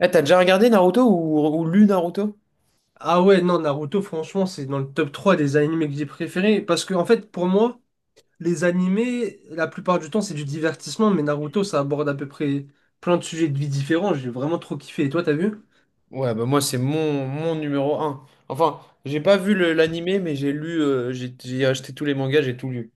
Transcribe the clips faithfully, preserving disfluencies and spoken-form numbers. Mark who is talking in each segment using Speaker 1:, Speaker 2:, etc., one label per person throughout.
Speaker 1: Eh, t'as déjà regardé Naruto ou, ou lu Naruto?
Speaker 2: Ah ouais, non, Naruto, franchement, c'est dans le top trois des animés que j'ai préférés. Parce que, en fait, pour moi, les animés, la plupart du temps, c'est du divertissement, mais Naruto, ça aborde à peu près plein de sujets de vie différents. J'ai vraiment trop kiffé. Et toi, t'as vu?
Speaker 1: Ouais, bah moi c'est mon, mon numéro un. Enfin, j'ai pas vu le- l'animé, mais j'ai lu, euh, j'ai j'ai acheté tous les mangas, j'ai tout lu.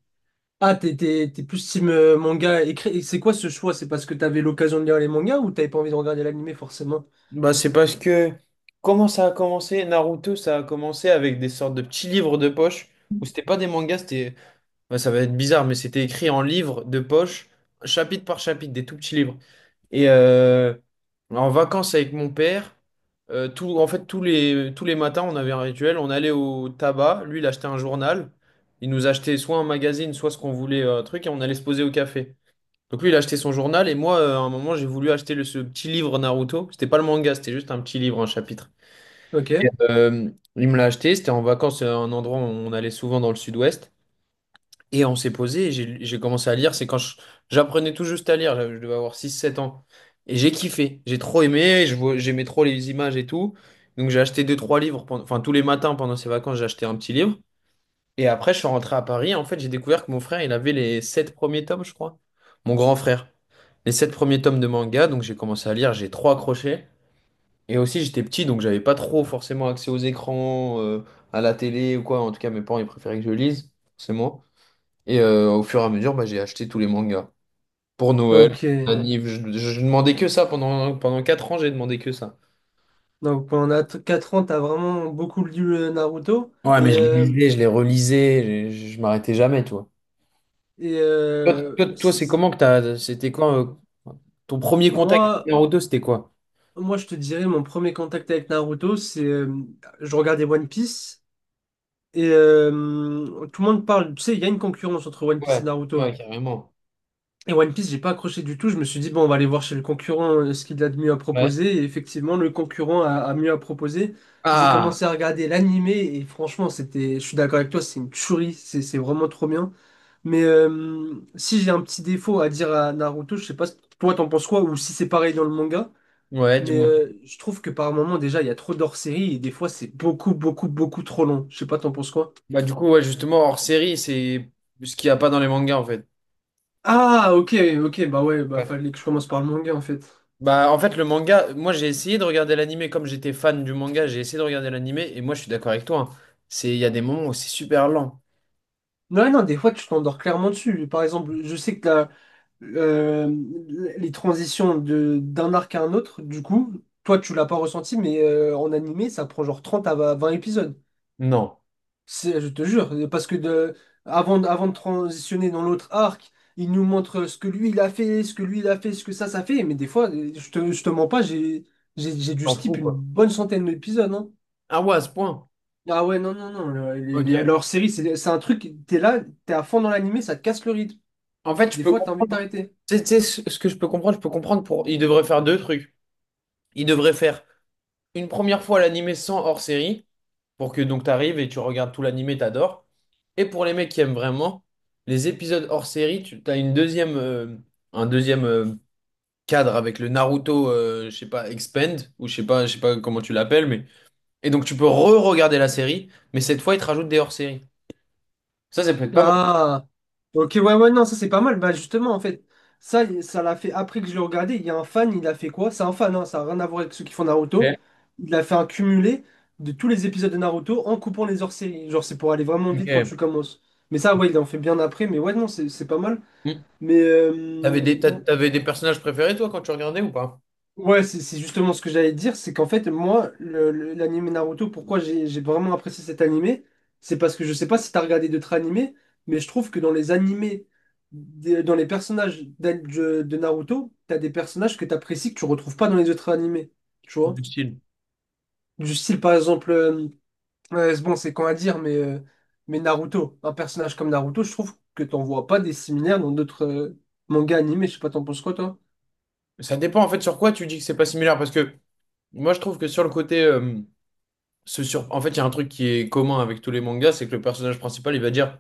Speaker 2: Ah, t'es t'es- t'es plus team euh, manga écrit. Et C'est quoi ce choix? C'est parce que t'avais l'occasion de lire les mangas ou t'avais pas envie de regarder l'animé, forcément?
Speaker 1: Bah c'est parce que comment ça a commencé? Naruto, ça a commencé avec des sortes de petits livres de poche, où c'était pas des mangas, c'était bah, ça va être bizarre, mais c'était écrit en livres de poche, chapitre par chapitre, des tout petits livres. Et euh, en vacances avec mon père, euh, tout, en fait, tous les, tous les matins, on avait un rituel. On allait au tabac. Lui, il achetait un journal. Il nous achetait soit un magazine, soit ce qu'on voulait, euh, un truc, et on allait se poser au café. Donc lui, il achetait son journal. Et moi, euh, à un moment, j'ai voulu acheter le, ce petit livre Naruto. C'était pas le manga, c'était juste un petit livre, un chapitre. Et,
Speaker 2: Ok.
Speaker 1: euh, il me l'a acheté. C'était en vacances, euh, un endroit où on allait souvent dans le sud-ouest. Et on s'est posé et j'ai j'ai commencé à lire. C'est quand je- j'apprenais tout juste à lire, j'avais- je devais avoir six sept ans. Et j'ai kiffé, j'ai trop aimé, je vois- j'aimais trop les images et tout. Donc j'ai acheté deux trois livres, pendant- enfin tous les matins pendant ces vacances, j'ai acheté un petit livre. Et après, je suis rentré à Paris. En fait, j'ai découvert que mon frère, il avait les sept premiers tomes, je crois. Mon grand frère. Les sept premiers tomes de manga. Donc j'ai commencé à lire, j'ai trop accroché. Et aussi, j'étais petit, donc j'avais pas trop forcément accès aux écrans, euh, à la télé ou quoi. En tout cas, mes parents, ils préféraient que je lise, forcément. Et euh, au fur et à mesure, bah, j'ai acheté tous les mangas. Pour Noël,
Speaker 2: Ok.
Speaker 1: anniv, je, je- je demandais que ça. Pendant, pendant quatre ans, j'ai demandé que ça.
Speaker 2: Donc, pendant quatre ans, t'as vraiment beaucoup lu euh, Naruto.
Speaker 1: Ouais,
Speaker 2: Et,
Speaker 1: mais je les
Speaker 2: euh,
Speaker 1: lisais, je les relisais, je, je m'arrêtais jamais, toi.
Speaker 2: et
Speaker 1: Toi,
Speaker 2: euh,
Speaker 1: toi, toi, c'est
Speaker 2: s-
Speaker 1: comment que t'as, c'était quand euh, ton premier contact avec
Speaker 2: Moi.
Speaker 1: Naruto, c'était quoi?
Speaker 2: Moi, je te dirais, mon premier contact avec Naruto, c'est euh, je regardais One Piece et euh, tout le monde parle. Tu sais, il y a une concurrence entre One Piece
Speaker 1: Ouais,
Speaker 2: et
Speaker 1: ouais,
Speaker 2: Naruto.
Speaker 1: carrément.
Speaker 2: Et One Piece, j'ai pas accroché du tout. Je me suis dit, bon, on va aller voir chez le concurrent euh, ce qu'il a de mieux à
Speaker 1: Ouais.
Speaker 2: proposer. Et effectivement, le concurrent a, a mieux à proposer. J'ai
Speaker 1: Ah,
Speaker 2: commencé à regarder l'animé et franchement, c'était, je suis d'accord avec toi, c'est une tuerie. C'est c'est vraiment trop bien. Mais euh, si j'ai un petit défaut à dire à Naruto, je sais pas, toi, t'en penses quoi ou si c'est pareil dans le manga.
Speaker 1: ouais,
Speaker 2: Mais
Speaker 1: dis-moi.
Speaker 2: euh, je trouve que par moment, déjà, il y a trop d'hors-série et des fois, c'est beaucoup, beaucoup, beaucoup trop long. Je sais pas, t'en penses quoi?
Speaker 1: Bah, du coup, ouais, justement, hors série, c'est ce qu'il n'y a pas dans les mangas, en fait.
Speaker 2: Ah, ok, ok, bah ouais, bah
Speaker 1: Ouais.
Speaker 2: fallait que je commence par le manga en fait.
Speaker 1: Bah, en fait, le manga, moi j'ai essayé de regarder l'animé comme j'étais fan du manga, j'ai essayé de regarder l'animé et moi je suis d'accord avec toi, hein. C'est, il y a des moments où c'est super lent.
Speaker 2: Non, non, des fois tu t'endors clairement dessus. Par exemple, je sais que la- euh, les transitions de d'un arc à un autre, du coup, toi tu l'as pas ressenti, mais euh, en animé, ça prend genre trente à vingt épisodes.
Speaker 1: Non.
Speaker 2: C'est- je te jure, parce que de, avant, de- avant de transitionner dans l'autre arc, il nous montre ce que lui il a fait, ce que lui il a fait, ce que ça, ça fait. Mais des fois, je te, je te mens pas, j'ai, j'ai, j'ai dû
Speaker 1: T'en
Speaker 2: skip
Speaker 1: fous,
Speaker 2: une
Speaker 1: quoi.
Speaker 2: bonne centaine d'épisodes. Hein.
Speaker 1: Ah ouais, à ce point.
Speaker 2: Ah ouais, non, non, non. Le- les- les-
Speaker 1: Ok.
Speaker 2: leur série, c'est c'est un truc, t'es là, t'es à fond dans l'animé, ça te casse le rythme.
Speaker 1: En fait, je
Speaker 2: Des
Speaker 1: peux
Speaker 2: fois, t'as envie de
Speaker 1: comprendre.
Speaker 2: t'arrêter.
Speaker 1: Tu sais, tu sais, ce ce que je peux comprendre, je peux comprendre pour. Il devrait faire deux trucs. Il devrait faire une première fois l'animé sans hors série pour que donc t'arrives et tu regardes tout l'animé, t'adores. Et pour les mecs qui aiment vraiment, les épisodes hors série, tu as une deuxième, euh, un deuxième, euh, cadre avec le Naruto, euh, je sais pas, Expand, ou je sais pas, je sais pas comment tu l'appelles, mais. Et donc tu peux re-regarder la série, mais cette fois ils te rajoutent des hors-séries. Ça, ça peut être pas mal.
Speaker 2: Ah, ok, ouais, ouais, non, ça c'est pas mal. Bah, justement, en fait, ça, ça l'a fait après que je l'ai regardé. Il y a un fan, il a fait quoi? C'est un fan, hein, ça n'a rien à voir avec ceux qui font Naruto. Il a fait un cumulé de tous les épisodes de Naruto en coupant les hors-séries. Genre, c'est pour aller vraiment vite quand
Speaker 1: Ok.
Speaker 2: tu commences. Mais ça, ouais, il en fait bien après. Mais ouais, non, c'est c'est pas mal.
Speaker 1: Mm.
Speaker 2: Mais
Speaker 1: T'avais
Speaker 2: euh,
Speaker 1: des, t'a- t'avais des personnages préférés, toi, quand tu regardais ou pas?
Speaker 2: Ouais, c'est c'est justement ce que j'allais te dire, c'est qu'en fait, moi, le, le- l'anime Naruto, pourquoi j'ai j'ai vraiment apprécié cet animé, c'est parce que je sais pas si t'as regardé d'autres animés, mais je trouve que dans les animés, des- dans les personnages d'an- de, de Naruto, t'as des personnages que t'apprécies que tu retrouves pas dans les autres animés, tu vois?
Speaker 1: Du style.
Speaker 2: Du style, par exemple, euh, ouais, c'est bon, c'est con à dire, mais, euh, mais Naruto, un personnage comme Naruto, je trouve que t'en vois pas des similaires dans d'autres euh, mangas animés. Je sais pas, t'en penses quoi, toi?
Speaker 1: Ça dépend en fait sur quoi tu dis que c'est pas similaire, parce que moi je trouve que sur le côté, euh, se sur... en fait, il y a un truc qui est commun avec tous les mangas, c'est que le personnage principal il va dire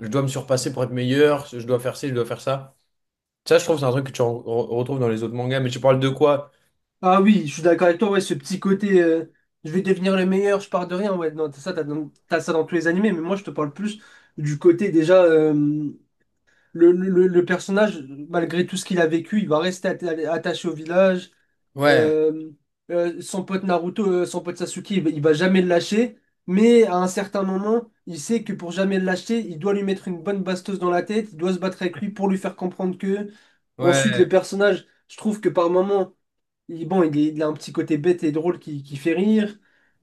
Speaker 1: je dois me surpasser pour être meilleur, je dois faire ci, je dois faire ça. Ça, je trouve, que c'est un truc que tu re- re- retrouves dans les autres mangas, mais tu parles de quoi?
Speaker 2: Ah oui, je suis d'accord avec toi, ouais, ce petit côté euh, je vais devenir le meilleur, je pars de rien, ouais, non, t'as ça, t'as dans- t'as ça dans tous les animés, mais moi je te parle plus du côté déjà euh, le, le- le- le personnage, malgré tout ce qu'il a vécu, il va rester atta- attaché au village.
Speaker 1: Ouais,
Speaker 2: Euh, euh, Son pote Naruto, euh, son pote Sasuke, il, va il va jamais le lâcher. Mais à un certain moment, il sait que pour jamais le lâcher, il doit lui mettre une bonne bastos dans la tête. Il doit se battre avec lui pour lui faire comprendre que. Ensuite, le
Speaker 1: ouais.
Speaker 2: personnage, je trouve que par moment, il, bon, il, est- il a un petit côté bête et drôle qui, qui fait rire.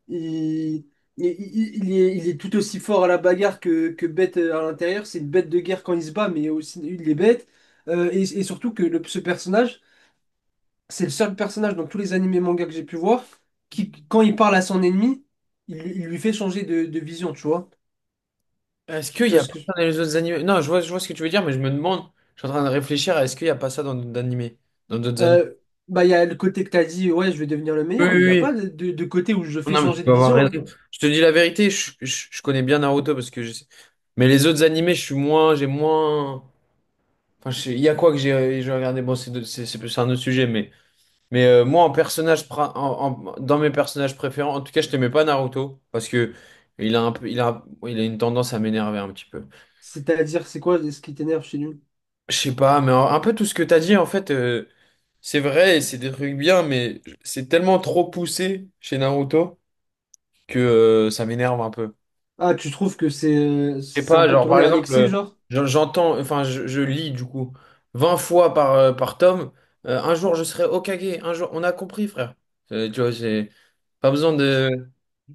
Speaker 2: Il, il, il- il est, il est tout aussi fort à la bagarre que, que bête euh, à l'intérieur. C'est une bête de guerre quand il se bat, mais aussi il est bête. Euh, et, et surtout que le- ce personnage c'est le seul personnage dans tous les animés manga que j'ai pu voir qui, quand il parle à son ennemi, il, lui il lui fait changer de, de vision, tu vois.
Speaker 1: Est-ce qu'il
Speaker 2: Tu
Speaker 1: n'y
Speaker 2: vois
Speaker 1: a
Speaker 2: ce
Speaker 1: pas
Speaker 2: que...
Speaker 1: ça dans les autres animés? Non, je vois, je vois ce que tu veux dire, mais je me demande, je suis en train de réfléchir à est-ce qu'il n'y a pas ça dans d'autres animés, dans d'autres animés.
Speaker 2: Euh, Bah, il y a le côté que t'as dit, ouais, je vais devenir le
Speaker 1: Oui,
Speaker 2: meilleur,
Speaker 1: oui,
Speaker 2: mais il n'y a pas
Speaker 1: oui.
Speaker 2: de, de- de côté où je fais
Speaker 1: Non, mais tu
Speaker 2: changer de
Speaker 1: peux avoir
Speaker 2: vision. Hein.
Speaker 1: raison. Je te dis la vérité, je, je- je connais bien Naruto parce que je sais. Mais les autres animés, je suis moins, j'ai moins. Enfin, je sais- il y a quoi que j'ai j'ai regardé? Bon, c'est de- c'est c'est plus un autre sujet, mais, mais euh, moi, en personnage, pra- en- en- dans mes personnages préférés, en tout cas, je t'aimais pas Naruto parce que il a un peu, il a, il a une tendance à m'énerver un petit peu.
Speaker 2: C'est-à-dire, c'est quoi ce qui t'énerve chez nous?
Speaker 1: Je sais pas, mais un un peu tout ce que t'as dit, en fait. Euh, c'est vrai, c'est des trucs bien, mais c'est tellement trop poussé chez Naruto que euh, ça m'énerve un peu.
Speaker 2: Ah, tu trouves que c'est euh,
Speaker 1: Je sais
Speaker 2: c'est un
Speaker 1: pas,
Speaker 2: peu
Speaker 1: genre par
Speaker 2: tourné à
Speaker 1: exemple,
Speaker 2: l'excès,
Speaker 1: euh,
Speaker 2: genre?
Speaker 1: j'en- j'entends, enfin je, je lis du coup vingt fois par, euh, par tome, euh, un jour je serai Hokage, un jour on a compris frère. Euh, tu vois, c'est pas besoin de,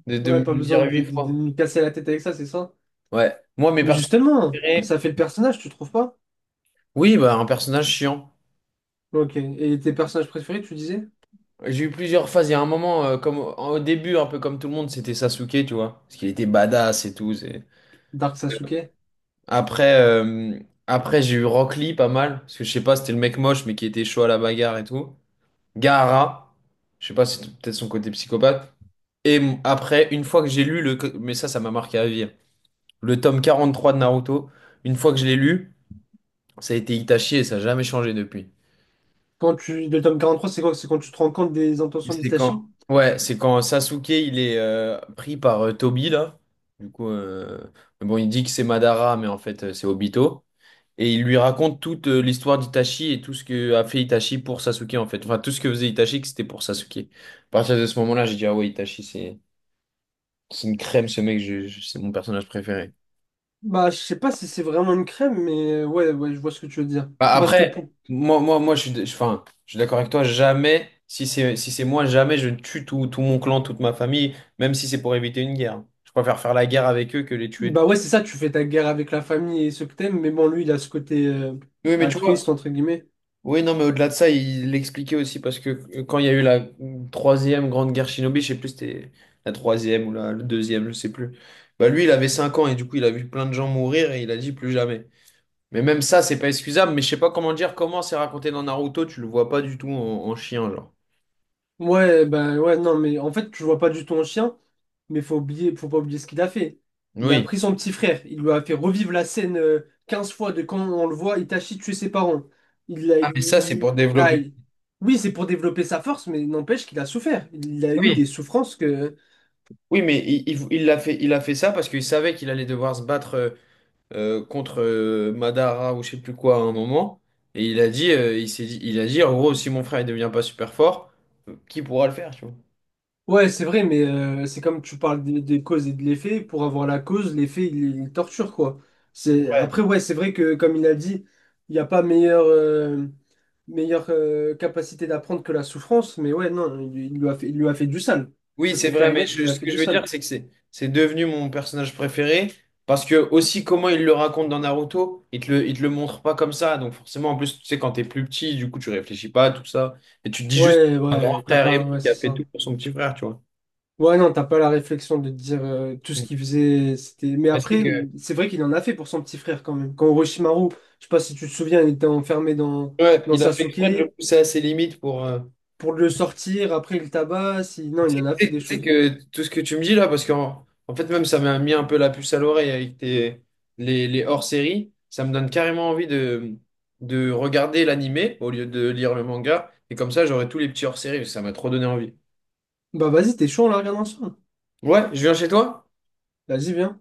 Speaker 1: de, de
Speaker 2: Ouais,
Speaker 1: me
Speaker 2: pas
Speaker 1: le dire
Speaker 2: besoin de,
Speaker 1: huit
Speaker 2: de- de
Speaker 1: fois.
Speaker 2: nous casser la tête avec ça, c'est ça?
Speaker 1: Ouais, moi mes
Speaker 2: Mais
Speaker 1: personnages
Speaker 2: justement,
Speaker 1: préférés,
Speaker 2: ça fait le personnage, tu trouves pas?
Speaker 1: oui, bah un personnage chiant.
Speaker 2: Ok. Et tes personnages préférés, tu disais?
Speaker 1: J'ai eu plusieurs phases, il y a un moment, euh, comme au au début, un peu comme tout le monde, c'était Sasuke, tu vois, parce qu'il était badass et tout. C'est...
Speaker 2: Dark Sasuke.
Speaker 1: après, euh, après j'ai eu Rock Lee pas mal, parce que je sais pas, c'était le mec moche, mais qui était chaud à la bagarre et tout. Gaara, je sais pas, si c'est peut-être son côté psychopathe. Et m- après, une fois que j'ai lu le, co- mais ça, ça m'a marqué à vie, hein, le tome quarante-trois de Naruto, une fois que je l'ai lu, ça a été Itachi et ça n'a jamais changé depuis.
Speaker 2: Quand tu, le tome quarante trois c'est quoi? C'est quand tu te rends compte des
Speaker 1: Et
Speaker 2: intentions
Speaker 1: c'est
Speaker 2: d'Itachi?
Speaker 1: quand, ouais, c'est quand Sasuke, il est euh, pris par euh, Tobi, là. Du coup, euh, mais bon, il dit que c'est Madara, mais en fait, euh, c'est Obito. Et il lui raconte toute euh, l'histoire d'Itachi et tout ce que a fait Itachi pour Sasuke en fait. Enfin, tout ce que faisait Itachi, que c'était pour Sasuke. À partir de ce moment-là, j'ai dit, ah ouais, Itachi, c'est c'est une crème, ce mec, je- je- c'est mon personnage préféré.
Speaker 2: Bah, je sais pas si c'est vraiment une crème, mais euh, ouais, ouais, je vois ce que tu veux dire.
Speaker 1: Bah,
Speaker 2: Parce que
Speaker 1: après,
Speaker 2: pour-
Speaker 1: moi, moi, moi, je suis, d- je- enfin, je suis d'accord avec toi, jamais, si c'est si c'est moi, jamais je tue tout, tout mon clan, toute ma famille, même si c'est pour éviter une guerre. Je préfère faire la guerre avec eux que les tuer
Speaker 2: Bah
Speaker 1: tous.
Speaker 2: ouais, c'est ça, tu fais ta guerre avec la famille et ceux que t'aimes, mais bon, lui, il a ce côté euh,
Speaker 1: Oui, mais tu
Speaker 2: altruiste,
Speaker 1: vois,
Speaker 2: entre guillemets.
Speaker 1: oui, non, mais au-delà de ça, il l'expliquait aussi parce que euh, quand il y a eu la troisième grande guerre shinobi, je sais plus, c'était la troisième ou la, la deuxième, je sais plus. Bah lui, il avait cinq ans et du coup, il a vu plein de gens mourir et il a dit plus jamais. Mais même ça, c'est pas excusable, mais je sais pas comment dire, comment c'est raconté dans Naruto, tu le vois pas du tout en, en chien, genre.
Speaker 2: Ouais, ben ouais, non, mais en fait, je vois pas du tout un chien, mais faut oublier, faut pas oublier ce qu'il a fait. Il a
Speaker 1: Oui.
Speaker 2: pris son petit frère, il lui a fait revivre la scène euh, quinze fois de quand on le voit Itachi tuer ses parents. Il a,
Speaker 1: Ah, mais ça, c'est pour
Speaker 2: il- ah,
Speaker 1: développer.
Speaker 2: il- Oui, c'est pour développer sa force, mais n'empêche qu'il a souffert. Il a eu des
Speaker 1: Oui.
Speaker 2: souffrances que.
Speaker 1: Oui, mais il, il- il l'a fait, il a fait ça parce qu'il savait qu'il allait devoir se battre, euh, euh, contre euh, Madara ou je sais plus quoi à un moment. Et il a dit, euh, il s'est dit, il a dit, en gros, si mon frère il devient pas super fort, euh, qui pourra le faire, tu vois?
Speaker 2: Ouais, c'est vrai, mais euh, c'est comme tu parles des, des causes et de l'effet. Pour avoir la cause, l'effet, il, il torture, quoi. C'est...
Speaker 1: Ouais.
Speaker 2: Après, ouais, c'est vrai que, comme il a dit, il n'y a pas meilleure, euh, meilleure euh, capacité d'apprendre que la souffrance, mais ouais, non, il, il lui a fait, il lui a fait du sale.
Speaker 1: Oui,
Speaker 2: Ça,
Speaker 1: c'est
Speaker 2: c'est clair
Speaker 1: vrai,
Speaker 2: et
Speaker 1: mais
Speaker 2: net qu'il
Speaker 1: je-
Speaker 2: lui a
Speaker 1: ce
Speaker 2: fait
Speaker 1: que je
Speaker 2: du
Speaker 1: veux dire,
Speaker 2: sale.
Speaker 1: c'est que c'est c'est devenu mon personnage préféré. Parce que aussi comment il le raconte dans Naruto, il te le, il te le montre pas comme ça. Donc forcément, en plus, tu sais, quand t'es plus petit, du coup, tu réfléchis pas à tout ça. Et tu te dis juste
Speaker 2: Ouais,
Speaker 1: un grand
Speaker 2: ouais, t'as
Speaker 1: frère aimé
Speaker 2: pas, ouais,
Speaker 1: qui a
Speaker 2: c'est
Speaker 1: fait tout
Speaker 2: ça.
Speaker 1: pour son petit frère, tu vois.
Speaker 2: Ouais, non, t'as pas la réflexion de te dire euh, tout ce
Speaker 1: Mm.
Speaker 2: qu'il faisait, c'était. Mais
Speaker 1: Parce
Speaker 2: après,
Speaker 1: que
Speaker 2: c'est vrai qu'il en a fait pour son petit frère quand même. Quand Orochimaru, je sais pas si tu te souviens, il était enfermé dans,
Speaker 1: ouais,
Speaker 2: dans
Speaker 1: il a fait exprès de le
Speaker 2: Sasuke.
Speaker 1: pousser à ses limites pour, euh,
Speaker 2: Pour le sortir, après il tabasse. il- Non, il
Speaker 1: tu
Speaker 2: en a fait
Speaker 1: sais
Speaker 2: des
Speaker 1: tu sais
Speaker 2: choses.
Speaker 1: que tout ce que tu me dis là, parce qu'en en fait, même ça m'a mis un peu la puce à l'oreille avec tes, les, les hors-séries, ça me donne carrément envie de, de regarder l'animé au lieu de lire le manga. Et comme ça, j'aurai tous les petits hors-séries, ça m'a trop donné envie.
Speaker 2: Bah vas-y, t'es chaud, on la regarde ensemble.
Speaker 1: Ouais, je viens chez toi?
Speaker 2: Vas-y, viens.